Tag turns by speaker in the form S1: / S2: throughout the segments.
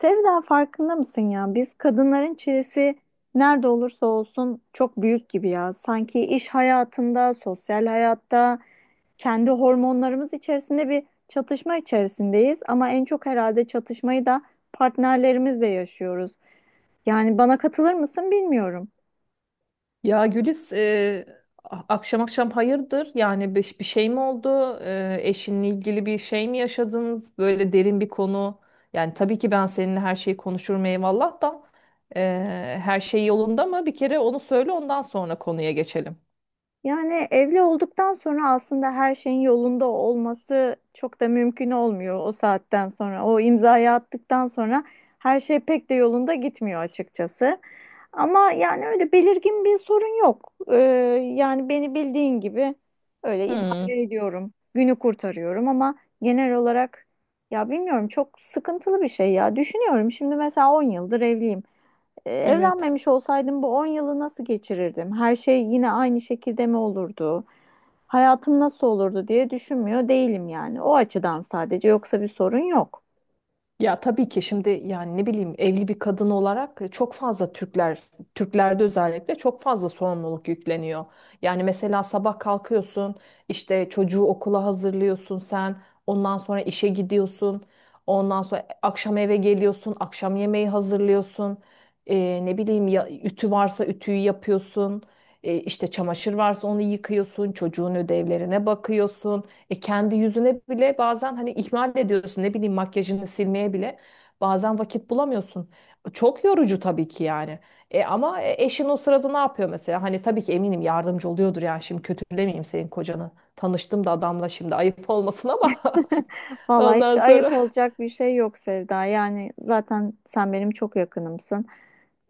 S1: Sevda, farkında mısın ya? Biz kadınların çilesi nerede olursa olsun çok büyük gibi ya. Sanki iş hayatında, sosyal hayatta, kendi hormonlarımız içerisinde bir çatışma içerisindeyiz. Ama en çok herhalde çatışmayı da partnerlerimizle yaşıyoruz. Yani bana katılır mısın bilmiyorum.
S2: Ya Güliz, akşam akşam hayırdır? Yani bir şey mi oldu? Eşinle ilgili bir şey mi yaşadınız? Böyle derin bir konu. Yani tabii ki ben seninle her şeyi konuşurum eyvallah da e, her şey yolunda mı? Bir kere onu söyle ondan sonra konuya geçelim.
S1: Yani evli olduktan sonra aslında her şeyin yolunda olması çok da mümkün olmuyor o saatten sonra. O imzayı attıktan sonra her şey pek de yolunda gitmiyor açıkçası. Ama yani öyle belirgin bir sorun yok. Yani beni bildiğin gibi öyle
S2: Hmm,
S1: idare ediyorum. Günü kurtarıyorum ama genel olarak ya bilmiyorum, çok sıkıntılı bir şey ya. Düşünüyorum şimdi mesela 10 yıldır evliyim.
S2: evet.
S1: Evlenmemiş olsaydım bu 10 yılı nasıl geçirirdim? Her şey yine aynı şekilde mi olurdu? Hayatım nasıl olurdu diye düşünmüyor değilim yani. O açıdan sadece, yoksa bir sorun yok.
S2: Ya tabii ki şimdi yani ne bileyim evli bir kadın olarak çok fazla Türklerde özellikle çok fazla sorumluluk yükleniyor. Yani mesela sabah kalkıyorsun, işte çocuğu okula hazırlıyorsun sen, ondan sonra işe gidiyorsun, ondan sonra akşam eve geliyorsun, akşam yemeği hazırlıyorsun. Ne bileyim ya ütü varsa ütüyü yapıyorsun. İşte çamaşır varsa onu yıkıyorsun, çocuğun ödevlerine bakıyorsun. Kendi yüzüne bile bazen hani ihmal ediyorsun, ne bileyim, makyajını silmeye bile bazen vakit bulamıyorsun. Çok yorucu tabii ki yani. Ama eşin o sırada ne yapıyor mesela? Hani tabii ki eminim yardımcı oluyordur, yani şimdi kötülemeyeyim senin kocanı. Tanıştım da adamla, şimdi ayıp olmasın ama
S1: Vallahi hiç
S2: ondan
S1: ayıp
S2: sonra.
S1: olacak bir şey yok Sevda. Yani zaten sen benim çok yakınımsın.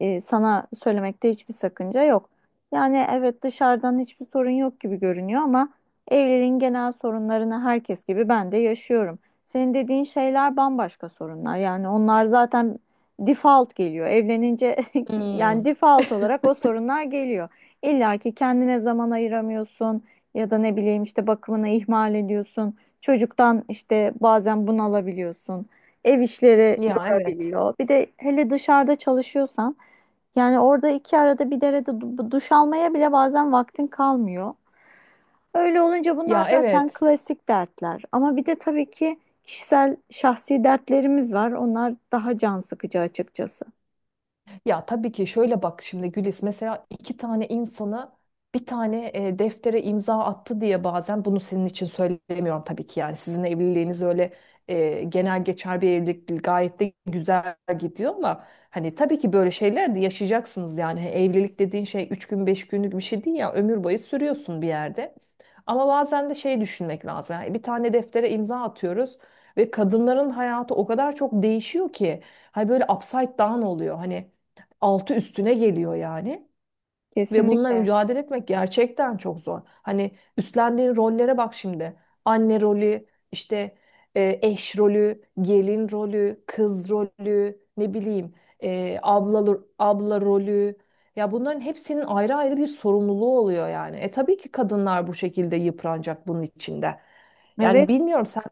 S1: Sana söylemekte hiçbir sakınca yok. Yani evet, dışarıdan hiçbir sorun yok gibi görünüyor ama evliliğin genel sorunlarını herkes gibi ben de yaşıyorum. Senin dediğin şeyler bambaşka sorunlar. Yani onlar zaten default geliyor. Evlenince yani
S2: Hmm.
S1: default olarak o sorunlar geliyor. İlla ki kendine zaman ayıramıyorsun ya da ne bileyim işte bakımını ihmal ediyorsun. Çocuktan işte bazen bunu alabiliyorsun. Ev işleri
S2: Ya evet.
S1: yorabiliyor. Bir de hele dışarıda çalışıyorsan yani orada iki arada bir derede duş almaya bile bazen vaktin kalmıyor. Öyle olunca bunlar
S2: Ya
S1: zaten
S2: evet.
S1: klasik dertler. Ama bir de tabii ki kişisel, şahsi dertlerimiz var. Onlar daha can sıkıcı açıkçası.
S2: Ya tabii ki şöyle bak, şimdi Gülis mesela iki tane insanı bir tane deftere imza attı diye, bazen bunu senin için söylemiyorum tabii ki, yani sizin evliliğiniz öyle genel geçer bir evlilik değil, gayet de güzel gidiyor ama hani tabii ki böyle şeyler de yaşayacaksınız yani. Hani evlilik dediğin şey üç gün beş günlük bir şey değil ya, ömür boyu sürüyorsun bir yerde, ama bazen de şey düşünmek lazım yani, bir tane deftere imza atıyoruz ve kadınların hayatı o kadar çok değişiyor ki hani böyle upside down oluyor, hani altı üstüne geliyor yani. Ve bununla
S1: Kesinlikle.
S2: mücadele etmek gerçekten çok zor. Hani üstlendiğin rollere bak şimdi. Anne rolü, işte eş rolü, gelin rolü, kız rolü, ne bileyim abla rolü. Ya bunların hepsinin ayrı ayrı bir sorumluluğu oluyor yani. Tabii ki kadınlar bu şekilde yıpranacak bunun içinde. Yani
S1: Evet.
S2: bilmiyorum, sen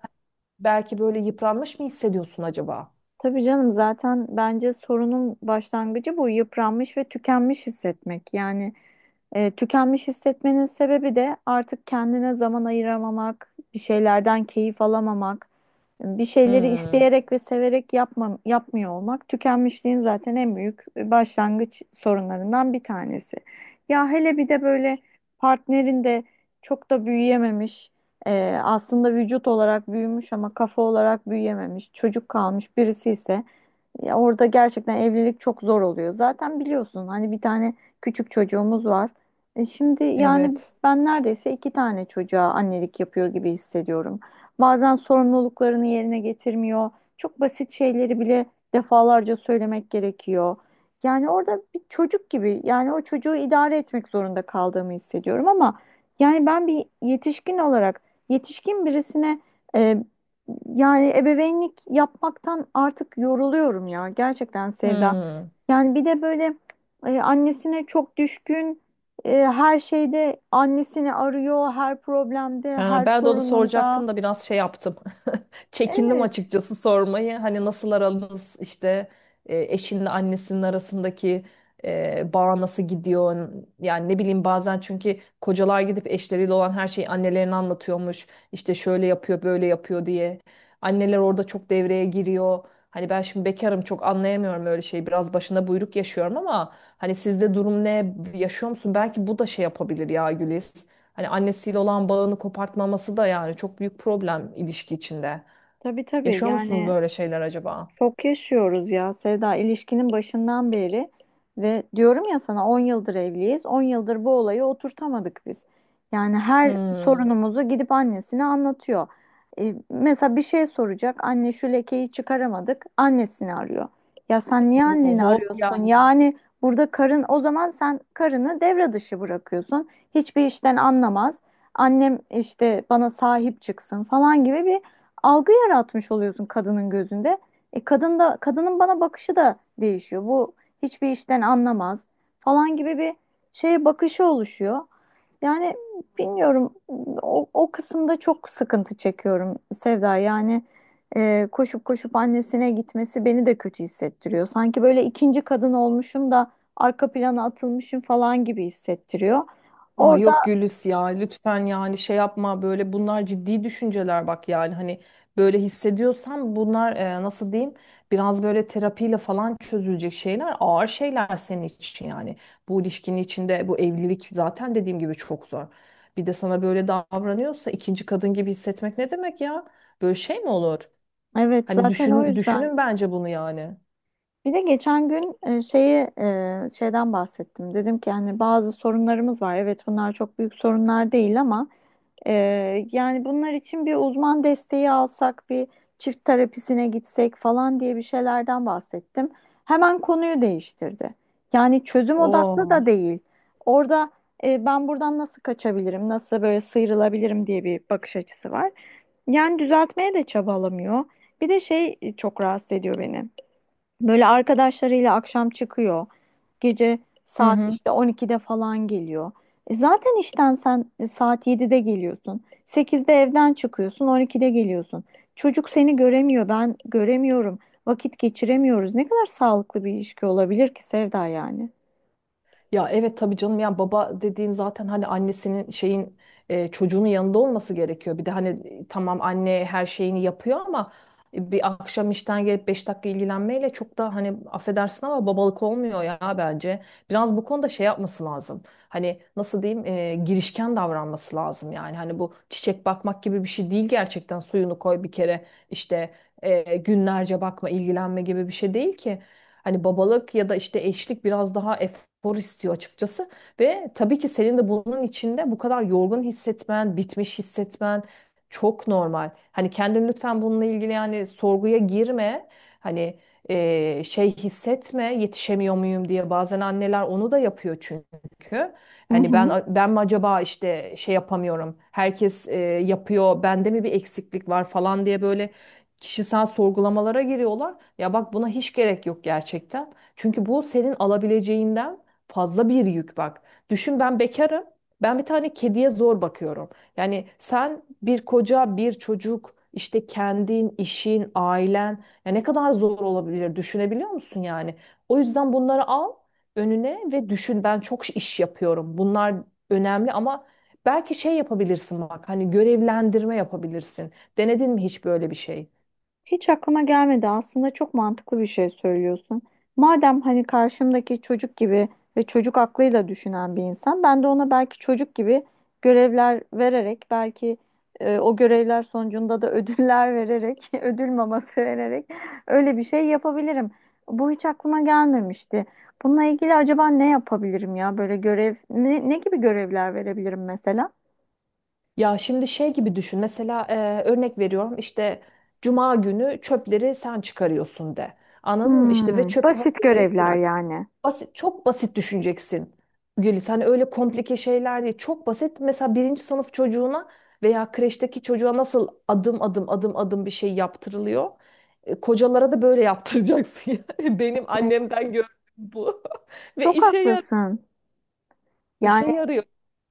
S2: belki böyle yıpranmış mı hissediyorsun acaba?
S1: Tabii canım, zaten bence sorunun başlangıcı bu: yıpranmış ve tükenmiş hissetmek. Yani tükenmiş hissetmenin sebebi de artık kendine zaman ayıramamak, bir şeylerden keyif alamamak, bir şeyleri
S2: Hmm,
S1: isteyerek ve severek yapma, yapmıyor olmak. Tükenmişliğin zaten en büyük başlangıç sorunlarından bir tanesi. Ya hele bir de böyle partnerin de çok da büyüyememiş. Aslında vücut olarak büyümüş ama kafa olarak büyüyememiş, çocuk kalmış birisi ise ya orada gerçekten evlilik çok zor oluyor. Zaten biliyorsun hani bir tane küçük çocuğumuz var. Şimdi yani
S2: evet.
S1: ben neredeyse iki tane çocuğa annelik yapıyor gibi hissediyorum. Bazen sorumluluklarını yerine getirmiyor. Çok basit şeyleri bile defalarca söylemek gerekiyor. Yani orada bir çocuk gibi, yani o çocuğu idare etmek zorunda kaldığımı hissediyorum ama yani ben bir yetişkin olarak yetişkin birisine e, yani ebeveynlik yapmaktan artık yoruluyorum ya, gerçekten Sevda.
S2: Hmm.
S1: Yani bir de böyle annesine çok düşkün, her şeyde annesini arıyor, her problemde,
S2: Ha,
S1: her
S2: ben de onu
S1: sorununda.
S2: soracaktım da biraz şey yaptım. Çekindim
S1: Evet,
S2: açıkçası sormayı. Hani nasıl aranız, işte eşinle annesinin arasındaki bağ nasıl gidiyor? Yani ne bileyim, bazen çünkü kocalar gidip eşleriyle olan her şeyi annelerine anlatıyormuş. İşte şöyle yapıyor, böyle yapıyor diye. Anneler orada çok devreye giriyor. Hani ben şimdi bekarım, çok anlayamıyorum öyle şeyi. Biraz başına buyruk yaşıyorum ama hani sizde durum ne, yaşıyor musun? Belki bu da şey yapabilir ya Güliz. Hani annesiyle olan bağını kopartmaması da yani çok büyük problem ilişki içinde.
S1: tabii tabii
S2: Yaşıyor musunuz
S1: yani.
S2: böyle şeyler acaba?
S1: Çok yaşıyoruz ya Sevda, ilişkinin başından beri, ve diyorum ya sana, 10 yıldır evliyiz. 10 yıldır bu olayı oturtamadık biz. Yani her
S2: Hmm.
S1: sorunumuzu gidip annesine anlatıyor. Mesela bir şey soracak. Anne, şu lekeyi çıkaramadık. Annesini arıyor. Ya sen niye anneni
S2: Oho
S1: arıyorsun?
S2: yani.
S1: Yani burada karın, o zaman sen karını devre dışı bırakıyorsun. Hiçbir işten anlamaz, annem işte bana sahip çıksın falan gibi bir algı yaratmış oluyorsun kadının gözünde. Kadın da, kadının bana bakışı da değişiyor. Bu hiçbir işten anlamaz falan gibi bir şeye bakışı oluşuyor. Yani bilmiyorum, o kısımda çok sıkıntı çekiyorum Sevda. Yani koşup koşup annesine gitmesi beni de kötü hissettiriyor. Sanki böyle ikinci kadın olmuşum da arka plana atılmışım falan gibi hissettiriyor.
S2: Aa
S1: Orada
S2: yok Gülis, ya lütfen yani şey yapma böyle, bunlar ciddi düşünceler bak, yani hani böyle hissediyorsan bunlar, nasıl diyeyim, biraz böyle terapiyle falan çözülecek şeyler, ağır şeyler senin için yani. Bu ilişkinin içinde bu evlilik zaten dediğim gibi çok zor. Bir de sana böyle davranıyorsa ikinci kadın gibi hissetmek ne demek ya? Böyle şey mi olur?
S1: evet,
S2: Hani
S1: zaten o yüzden.
S2: düşünün bence bunu yani.
S1: Bir de geçen gün şeyden bahsettim. Dedim ki hani bazı sorunlarımız var. Evet, bunlar çok büyük sorunlar değil ama e, yani bunlar için bir uzman desteği alsak, bir çift terapisine gitsek falan diye bir şeylerden bahsettim. Hemen konuyu değiştirdi. Yani çözüm odaklı
S2: Oo.
S1: da değil. Orada, ben buradan nasıl kaçabilirim, nasıl böyle sıyrılabilirim diye bir bakış açısı var. Yani düzeltmeye de çabalamıyor. Bir de çok rahatsız ediyor beni. Böyle arkadaşlarıyla akşam çıkıyor. Gece
S2: Hı
S1: saat
S2: hı.
S1: işte 12'de falan geliyor. Zaten işten sen saat 7'de geliyorsun. 8'de evden çıkıyorsun, 12'de geliyorsun. Çocuk seni göremiyor, ben göremiyorum. Vakit geçiremiyoruz. Ne kadar sağlıklı bir ilişki olabilir ki Sevda yani?
S2: Ya evet tabii canım ya, baba dediğin zaten hani annesinin şeyin, çocuğunun yanında olması gerekiyor. Bir de hani tamam, anne her şeyini yapıyor ama bir akşam işten gelip 5 dakika ilgilenmeyle çok da, hani affedersin ama, babalık olmuyor ya bence. Biraz bu konuda şey yapması lazım. Hani nasıl diyeyim, girişken davranması lazım yani. Hani bu çiçek bakmak gibi bir şey değil gerçekten, suyunu koy bir kere işte, günlerce bakma, ilgilenme gibi bir şey değil ki. Hani babalık ya da işte eşlik biraz daha efor istiyor açıkçası. Ve tabii ki senin de bunun içinde bu kadar yorgun hissetmen, bitmiş hissetmen çok normal. Hani kendin lütfen bununla ilgili yani sorguya girme. Hani şey hissetme, yetişemiyor muyum diye, bazen anneler onu da yapıyor çünkü.
S1: Hı
S2: Hani
S1: hı.
S2: ben mi acaba, işte şey yapamıyorum, herkes yapıyor, bende mi bir eksiklik var falan diye böyle kişisel sorgulamalara giriyorlar. Ya bak buna hiç gerek yok gerçekten. Çünkü bu senin alabileceğinden fazla bir yük bak. Düşün, ben bekarım. Ben bir tane kediye zor bakıyorum. Yani sen bir koca, bir çocuk, işte kendin, işin, ailen, ya ne kadar zor olabilir düşünebiliyor musun yani? O yüzden bunları al önüne ve düşün, ben çok iş yapıyorum. Bunlar önemli ama belki şey yapabilirsin bak, hani görevlendirme yapabilirsin. Denedin mi hiç böyle bir şey?
S1: Hiç aklıma gelmedi. Aslında çok mantıklı bir şey söylüyorsun. Madem hani karşımdaki çocuk gibi ve çocuk aklıyla düşünen bir insan, ben de ona belki çocuk gibi görevler vererek, belki o görevler sonucunda da ödüller vererek, ödül maması vererek öyle bir şey yapabilirim. Bu hiç aklıma gelmemişti. Bununla ilgili acaba ne yapabilirim ya? Böyle görev, ne gibi görevler verebilirim mesela?
S2: Ya şimdi şey gibi düşün. Mesela, örnek veriyorum, işte cuma günü çöpleri sen çıkarıyorsun de. Anladın mı? İşte ve
S1: Hmm,
S2: çöpü
S1: basit
S2: hazırlayıp
S1: görevler
S2: bırak.
S1: yani.
S2: Basit, çok basit düşüneceksin. Gülis hani öyle komplike şeyler değil. Çok basit. Mesela birinci sınıf çocuğuna veya kreşteki çocuğa nasıl adım adım adım adım bir şey yaptırılıyor. Kocalara da böyle yaptıracaksın. yani. Benim
S1: Evet.
S2: annemden gördüğüm bu. Ve
S1: Çok haklısın. Yani.
S2: işe yarıyor.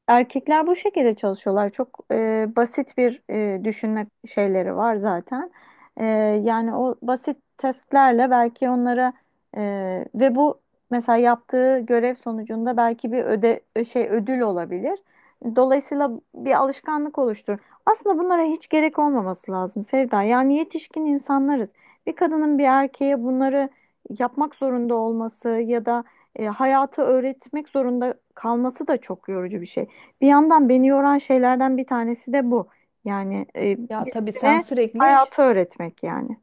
S1: Erkekler bu şekilde çalışıyorlar. Çok basit bir düşünme şeyleri var zaten. E, Yani o basit testlerle belki e, ve bu, mesela yaptığı görev sonucunda belki bir öde e, şey ödül olabilir. Dolayısıyla bir alışkanlık oluşturur. Aslında bunlara hiç gerek olmaması lazım Sevda. Yani yetişkin insanlarız. Bir kadının bir erkeğe bunları yapmak zorunda olması ya da hayatı öğretmek zorunda kalması da çok yorucu bir şey. Bir yandan beni yoran şeylerden bir tanesi de bu. Yani
S2: Ya tabii sen
S1: birisine
S2: sürekli
S1: hayatı öğretmek yani.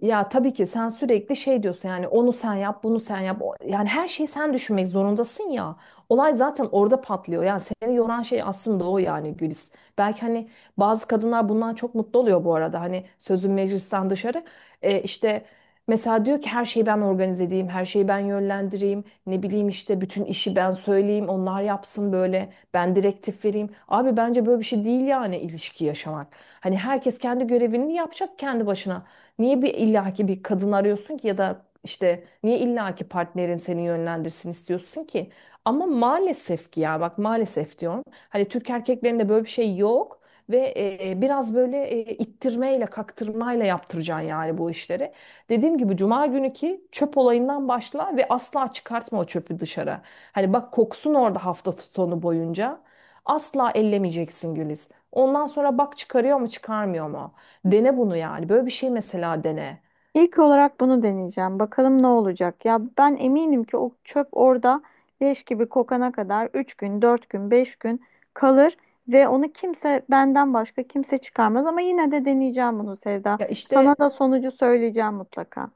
S2: Ya tabii ki sen sürekli şey diyorsun, yani onu sen yap, bunu sen yap. Yani her şeyi sen düşünmek zorundasın ya. Olay zaten orada patlıyor. Yani seni yoran şey aslında o yani Gülis. Belki hani bazı kadınlar bundan çok mutlu oluyor bu arada. Hani sözün meclisten dışarı. İşte mesela diyor ki, her şeyi ben organize edeyim, her şeyi ben yönlendireyim, ne bileyim işte bütün işi ben söyleyeyim, onlar yapsın böyle, ben direktif vereyim. Abi bence böyle bir şey değil yani ilişki yaşamak. Hani herkes kendi görevini yapacak kendi başına. Niye bir illaki bir kadın arıyorsun ki, ya da işte niye illaki partnerin seni yönlendirsin istiyorsun ki? Ama maalesef ki, ya bak maalesef diyorum. Hani Türk erkeklerinde böyle bir şey yok ve biraz böyle ittirmeyle, kaktırmayla yaptıracaksın yani bu işleri. Dediğim gibi cuma günü ki çöp olayından başla ve asla çıkartma o çöpü dışarı. Hani bak, koksun orada hafta sonu boyunca. Asla ellemeyeceksin Güliz. Ondan sonra bak çıkarıyor mu, çıkarmıyor mu? Dene bunu yani. Böyle bir şey mesela, dene.
S1: İlk olarak bunu deneyeceğim. Bakalım ne olacak? Ya ben eminim ki o çöp orada leş gibi kokana kadar 3 gün, 4 gün, 5 gün kalır ve onu kimse, benden başka kimse çıkarmaz, ama yine de deneyeceğim bunu Sevda.
S2: Ya
S1: Sana
S2: işte
S1: da sonucu söyleyeceğim mutlaka.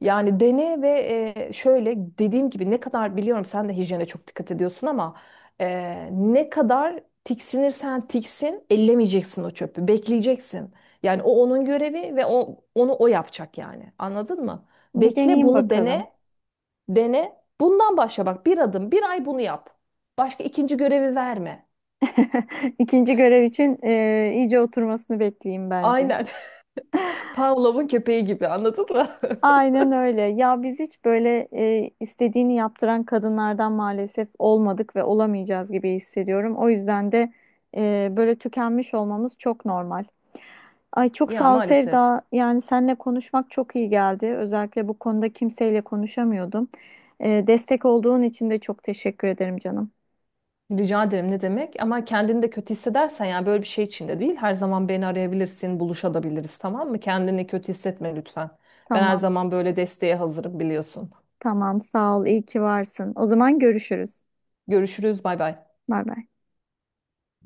S2: yani dene ve şöyle dediğim gibi, ne kadar biliyorum sen de hijyene çok dikkat ediyorsun ama ne kadar tiksinirsen tiksin, ellemeyeceksin o çöpü. Bekleyeceksin. Yani o onun görevi ve o onu o yapacak yani. Anladın mı?
S1: Bir
S2: Bekle,
S1: deneyeyim
S2: bunu
S1: bakalım.
S2: dene, dene. Bundan başla bak, bir adım, bir ay bunu yap. Başka ikinci görevi verme.
S1: İkinci görev için iyice oturmasını bekleyeyim bence.
S2: Aynen. Pavlov'un köpeği gibi, anladın mı?
S1: Aynen öyle. Ya biz hiç böyle istediğini yaptıran kadınlardan maalesef olmadık ve olamayacağız gibi hissediyorum. O yüzden de böyle tükenmiş olmamız çok normal. Ay, çok
S2: Ya
S1: sağ ol
S2: maalesef.
S1: Sevda. Yani seninle konuşmak çok iyi geldi. Özellikle bu konuda kimseyle konuşamıyordum. Destek olduğun için de çok teşekkür ederim canım.
S2: Rica ederim ne demek, ama kendini de kötü hissedersen, yani böyle bir şey içinde değil, her zaman beni arayabilirsin, buluşabiliriz, tamam mı? Kendini kötü hissetme lütfen. Ben her
S1: Tamam,
S2: zaman böyle desteğe hazırım, biliyorsun.
S1: tamam sağ ol. İyi ki varsın. O zaman görüşürüz.
S2: Görüşürüz, bay bay.
S1: Bay bay.